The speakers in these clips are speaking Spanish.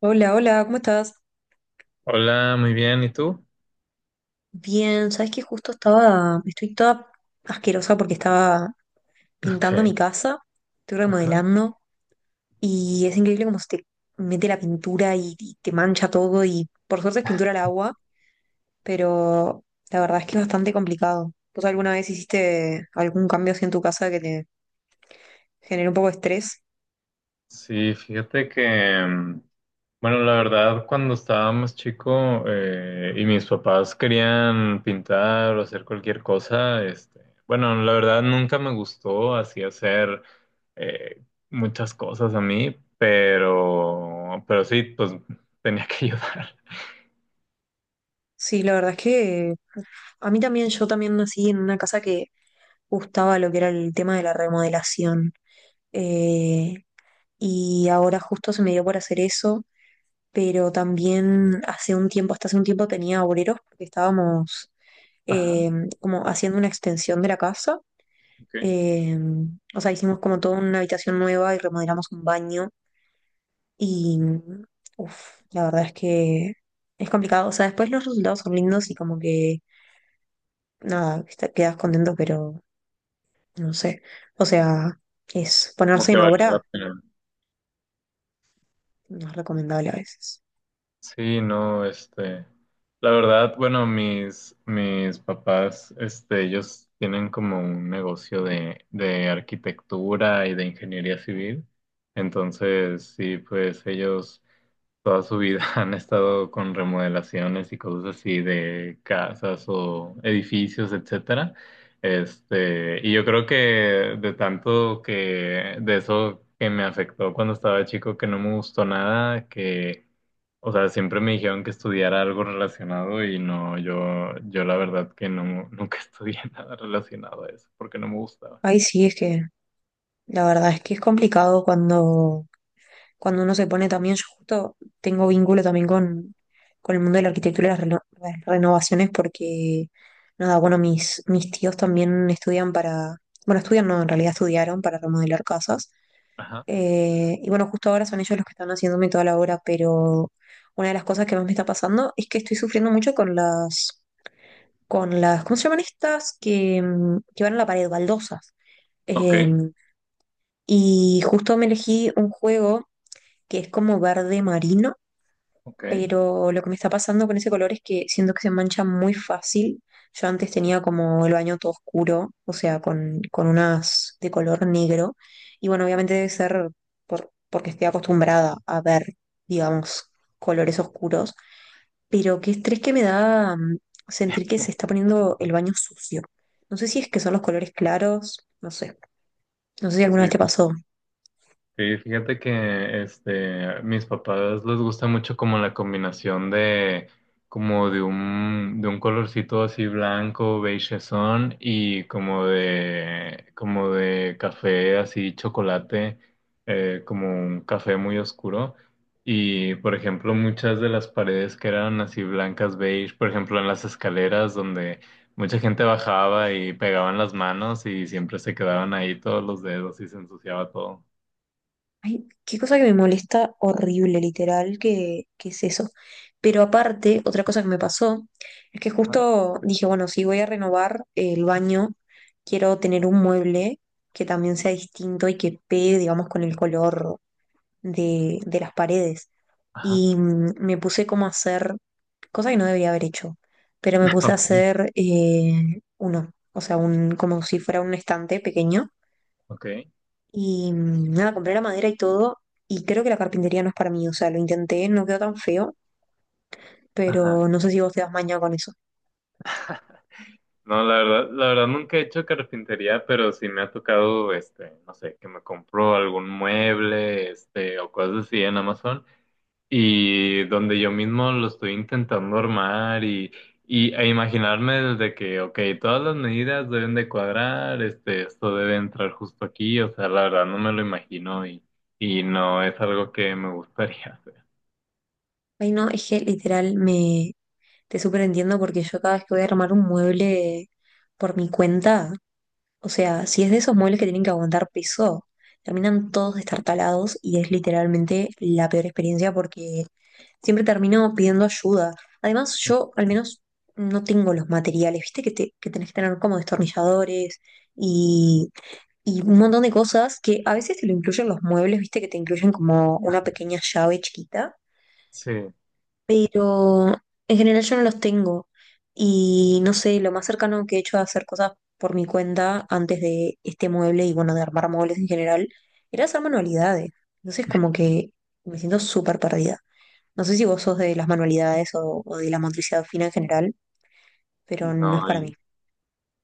Hola, hola, ¿cómo estás? Hola, muy bien, ¿y tú? Bien, sabes que justo estoy toda asquerosa porque estaba pintando Ok, mi casa, estoy ajá. remodelando y es increíble cómo se te mete la pintura y te mancha todo, y por suerte es pintura al agua, pero la verdad es que es bastante complicado. ¿Vos alguna vez hiciste algún cambio así en tu casa que te generó un poco de estrés? Sí, fíjate que, bueno, la verdad, cuando estaba más chico y mis papás querían pintar o hacer cualquier cosa, bueno, la verdad nunca me gustó así hacer eh, muchas cosas a mí, pero sí, pues tenía que ayudar. Sí, la verdad es que a mí también, yo también nací en una casa que gustaba lo que era el tema de la remodelación. Eh, y ahora justo se me dio por hacer eso, pero también hace un tiempo, hasta hace un tiempo tenía obreros porque estábamos Ajá, eh, como haciendo una extensión de la casa, ok. eh, o sea, hicimos como toda una habitación nueva y remodelamos un baño y, uff, la verdad es que es complicado. O sea, después los resultados son lindos y como que, nada, quedas contento, pero no sé, o sea, es Como ponerse que en valía obra, la pena. no es recomendable a veces. Sí, no, la verdad, bueno, mis papás, este, ellos tienen como un negocio de arquitectura y de ingeniería civil, entonces, sí, pues ellos toda su vida han estado con remodelaciones y cosas así de casas o edificios, etcétera. Este, y yo creo que de tanto que de eso que me afectó cuando estaba chico, que no me gustó nada, que, o sea, siempre me dijeron que estudiara algo relacionado y no, yo la verdad que no, nunca estudié nada relacionado a eso, porque no me gustaba. Ay, sí, es que la verdad es que es complicado cuando, cuando uno se pone también, yo justo tengo vínculo también con el mundo de la arquitectura y las, las renovaciones porque, nada, bueno, mis tíos también estudian para, bueno, estudian, no, en realidad estudiaron para remodelar casas. Ajá. Eh, y bueno, justo ahora son ellos los que están haciéndome toda la obra, pero una de las cosas que más me está pasando es que estoy sufriendo mucho con las, ¿cómo se llaman estas? Que, que van a la pared, baldosas. Ok, em, y justo me elegí un juego que es como verde marino, ok. pero lo que me está pasando con ese color es que siento que se mancha muy fácil. Yo antes tenía como el baño todo oscuro, o sea, con unas de color negro. Y bueno, Ajá. obviamente debe ser porque estoy acostumbrada a ver, digamos, colores oscuros, pero qué estrés que me da, sentir que se está poniendo el baño sucio. No sé si es que son los colores claros, no sé. No sé si alguna Sí, vez te pasó. sí, fíjate que este, mis papás les gusta mucho como la combinación de como de un colorcito así blanco, beigeson y como de café así chocolate, como un café muy oscuro. Y por ejemplo, muchas de las paredes que eran así blancas beige, por ejemplo, en las escaleras donde mucha gente bajaba y pegaban las manos y siempre se quedaban ahí todos los dedos y se ensuciaba todo. Ay, qué cosa que me molesta horrible, literal, que es eso. Pero aparte, otra cosa que me pasó es que justo dije, bueno, si voy a renovar el baño, quiero tener un mueble que también sea distinto y que pegue, digamos, con el color de las paredes. Ajá. Y me puse como a hacer, cosa que no debería haber hecho, pero me puse a Ok. hacer uno, o sea, un, como si fuera un estante pequeño Ok, y nada, compré la madera y todo, y creo que la carpintería no es para mí. O sea, lo intenté, no quedó tan feo, ajá. pero no sé si vos te das maña con eso. No, la verdad nunca he hecho carpintería, pero sí me ha tocado, este, no sé, que me compro algún mueble, este, o cosas así en Amazon, y donde yo mismo lo estoy intentando armar y, e imaginarme desde que, ok, todas las medidas deben de cuadrar, este, esto debe entrar justo aquí, o sea, la verdad no me lo imagino y no es algo que me gustaría hacer. Ay, no, es que literal me te súper entiendo porque yo cada vez que voy a armar un mueble por mi cuenta, o sea, si es de esos muebles que tienen que aguantar peso, terminan todos destartalados y es literalmente la peor experiencia porque siempre termino pidiendo ayuda. Además, yo al menos no tengo los materiales, viste que, que tenés que tener como destornilladores y, y un montón de cosas que a veces te lo incluyen los muebles, viste que te incluyen como una pequeña llave chiquita, Sí. pero en general yo no los tengo. Y no sé, lo más cercano que he hecho a hacer cosas por mi cuenta antes de este mueble y bueno, de armar muebles en general, era hacer manualidades. Entonces como que me siento súper perdida. No sé si vos sos de las manualidades o de la motricidad fina en general, pero no es No, para mí.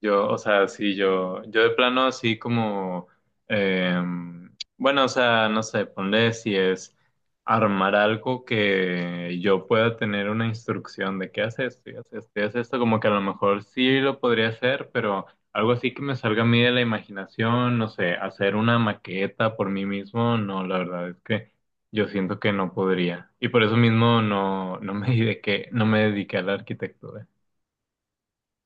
yo, o sea, sí, yo de plano así como, bueno, o sea, no sé, ponle si es armar algo que yo pueda tener una instrucción de qué hace esto, y hace esto, y hace esto, como que a lo mejor sí lo podría hacer, pero algo así que me salga a mí de la imaginación, no sé, hacer una maqueta por mí mismo, no, la verdad es que yo siento que no podría. Y por eso mismo no, no me dediqué a la arquitectura.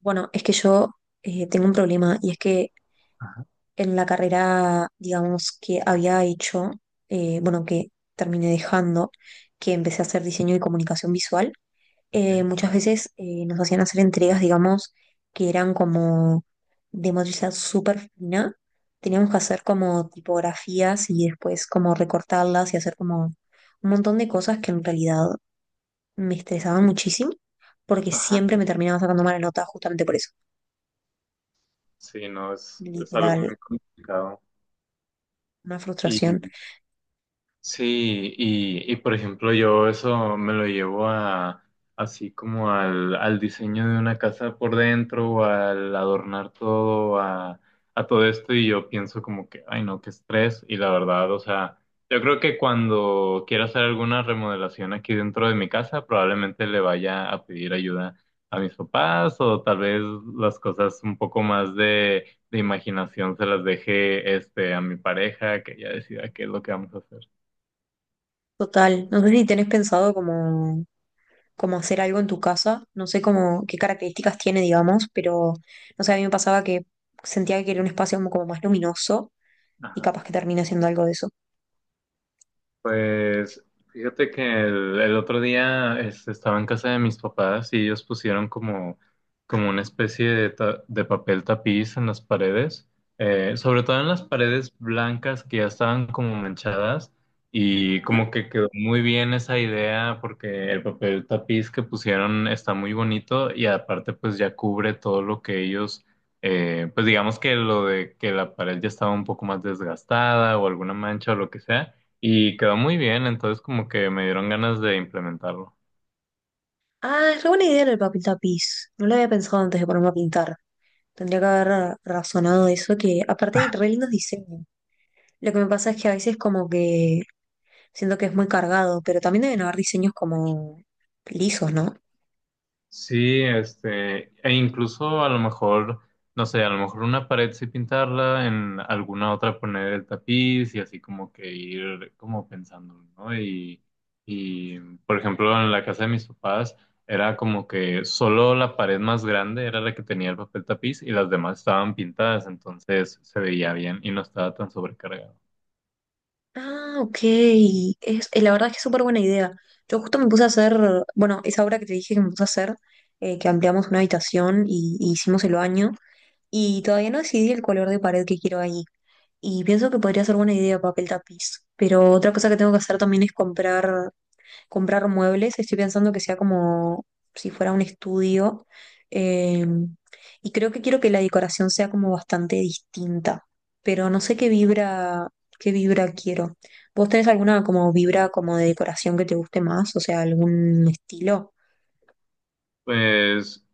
Bueno, es que yo tengo un problema y es que Ajá, en la carrera, digamos, que había hecho, bueno, que terminé dejando, que empecé a hacer diseño y comunicación visual, ok. muchas veces nos hacían hacer entregas, digamos, que eran como de motricidad súper fina. Teníamos que hacer como tipografías y después como recortarlas y hacer como un montón de cosas que en realidad me estresaban muchísimo porque Ajá. siempre me terminaba sacando mala nota justamente por eso. Sí, no, es algo Literal, muy complicado. una frustración Y sí, y por ejemplo yo eso me lo llevo a así como al diseño de una casa por dentro o al adornar todo a todo esto y yo pienso como que, ay no, qué estrés y la verdad, o sea, yo creo que cuando quiera hacer alguna remodelación aquí dentro de mi casa probablemente le vaya a pedir ayuda a mis papás o tal vez las cosas un poco más de imaginación se las deje este, a mi pareja que ya decida qué es lo que vamos a hacer. total. No sé si tenés pensado como como hacer algo en tu casa. No sé cómo, qué características tiene, digamos, pero no sé, a mí me pasaba que sentía que quería un espacio como, como más luminoso y Ajá. capaz que termine siendo algo de eso. Pues fíjate que el otro día este, estaba en casa de mis papás y ellos pusieron como, como una especie de, de papel tapiz en las paredes, sobre todo en las paredes blancas que ya estaban como manchadas y Ujú. como que quedó muy bien esa idea porque el papel tapiz que pusieron está muy bonito y aparte pues ya cubre todo lo que ellos pues digamos que lo de que la pared ya estaba un poco más desgastada o alguna mancha o lo que sea, y quedó muy bien, entonces como que me dieron ganas de implementarlo. Ah, es re buena idea el papel tapiz. No lo había pensado antes de ponerme a pintar. Tendría que haber razonado eso, que aparte hay re lindos diseños. Lo que me pasa es que a veces como que siento que es muy cargado, pero también deben haber diseños como lisos, ¿no? Sí, este, e incluso a lo mejor, no sé, a lo mejor una pared sí pintarla, en alguna otra poner el tapiz y así como que ir como pensando, ¿no? Y por ejemplo, en la casa de mis papás era como que solo la pared más grande era la que tenía el papel tapiz y las demás estaban pintadas, entonces se veía bien y no estaba tan sobrecargado. Ah, ok. Es, la verdad es que es súper buena idea. Yo justo me puse a hacer, bueno, esa obra que te dije que me puse a hacer, que ampliamos una habitación y hicimos el baño, y todavía no decidí el color de pared que quiero ahí. Y pienso que podría ser buena idea papel tapiz. Pero otra cosa que tengo que hacer también es comprar muebles, estoy pensando que sea como si fuera un estudio. eh, y creo que quiero que la decoración sea como bastante distinta, pero no sé qué vibra quiero. ¿Vos tenés alguna como vibra como de decoración que te guste más? O sea, algún estilo. Pues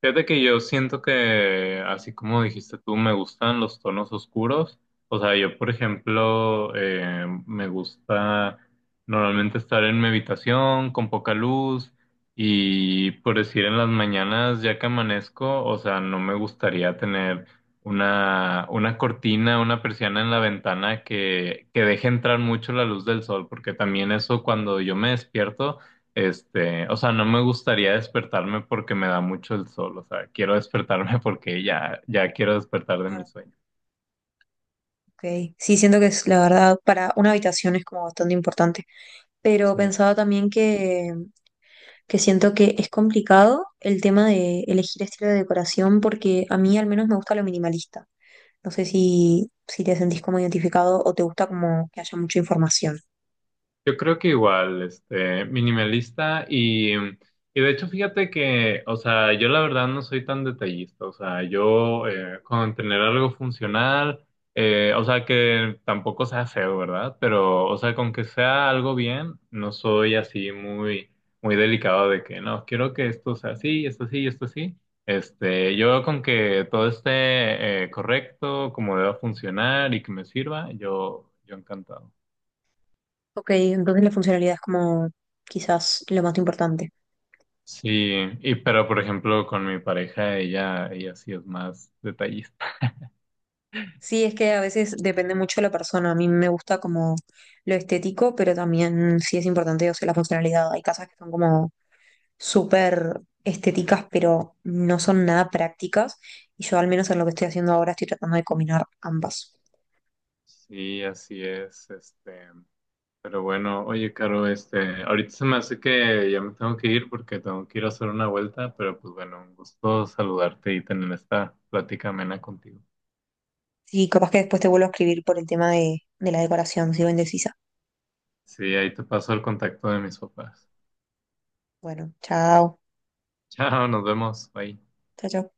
fíjate que yo siento que, así como dijiste tú, me gustan los tonos oscuros. O sea, yo, por ejemplo, me gusta normalmente estar en mi habitación con poca luz y, por decir, en las mañanas ya que amanezco, o sea, no me gustaría tener una cortina, una persiana en la ventana que deje entrar mucho la luz del sol, porque también eso cuando yo me despierto este, o sea, no me gustaría despertarme porque me da mucho el sol, o sea, quiero despertarme porque ya, ya quiero despertar de Claro. mi sueño. Ok. Sí, siento que es la verdad, para una habitación es como bastante importante. Pero Sí. pensaba también que siento que es complicado el tema de elegir estilo de decoración porque a mí al menos me gusta lo minimalista. No sé si, si te sentís como identificado o te gusta como que haya mucha información. Yo creo que igual, este, minimalista y de hecho fíjate que, o sea, yo la verdad no soy tan detallista, o sea, yo con tener algo funcional, o sea, que tampoco sea feo, ¿verdad? Pero, o sea, con que sea algo bien, no soy así muy, muy delicado de que, no, quiero que esto sea así, esto sí, esto sí. Este, yo con que todo esté correcto, como deba funcionar y que me sirva, yo encantado. Ok, entonces la funcionalidad es como quizás lo más importante. Sí, y pero por ejemplo con mi pareja, ella sí es más detallista. Sí, es que a veces depende mucho de la persona. A mí me gusta como lo estético, pero también sí es importante, o sea, la funcionalidad. Hay casas que son como súper estéticas, pero no son nada prácticas. Y yo al menos en lo que estoy haciendo ahora estoy tratando de combinar ambas. Sí, así es, este, pero bueno, oye, Caro, este, ahorita se me hace que ya me tengo que ir porque tengo que ir a hacer una vuelta, pero pues bueno, un gusto saludarte y tener esta plática amena contigo. Sí, capaz que después te vuelvo a escribir por el tema de la decoración, sigo indecisa. Sí, ahí te paso el contacto de mis papás. Bueno, chao. Chao, nos vemos, bye. Chao, chao.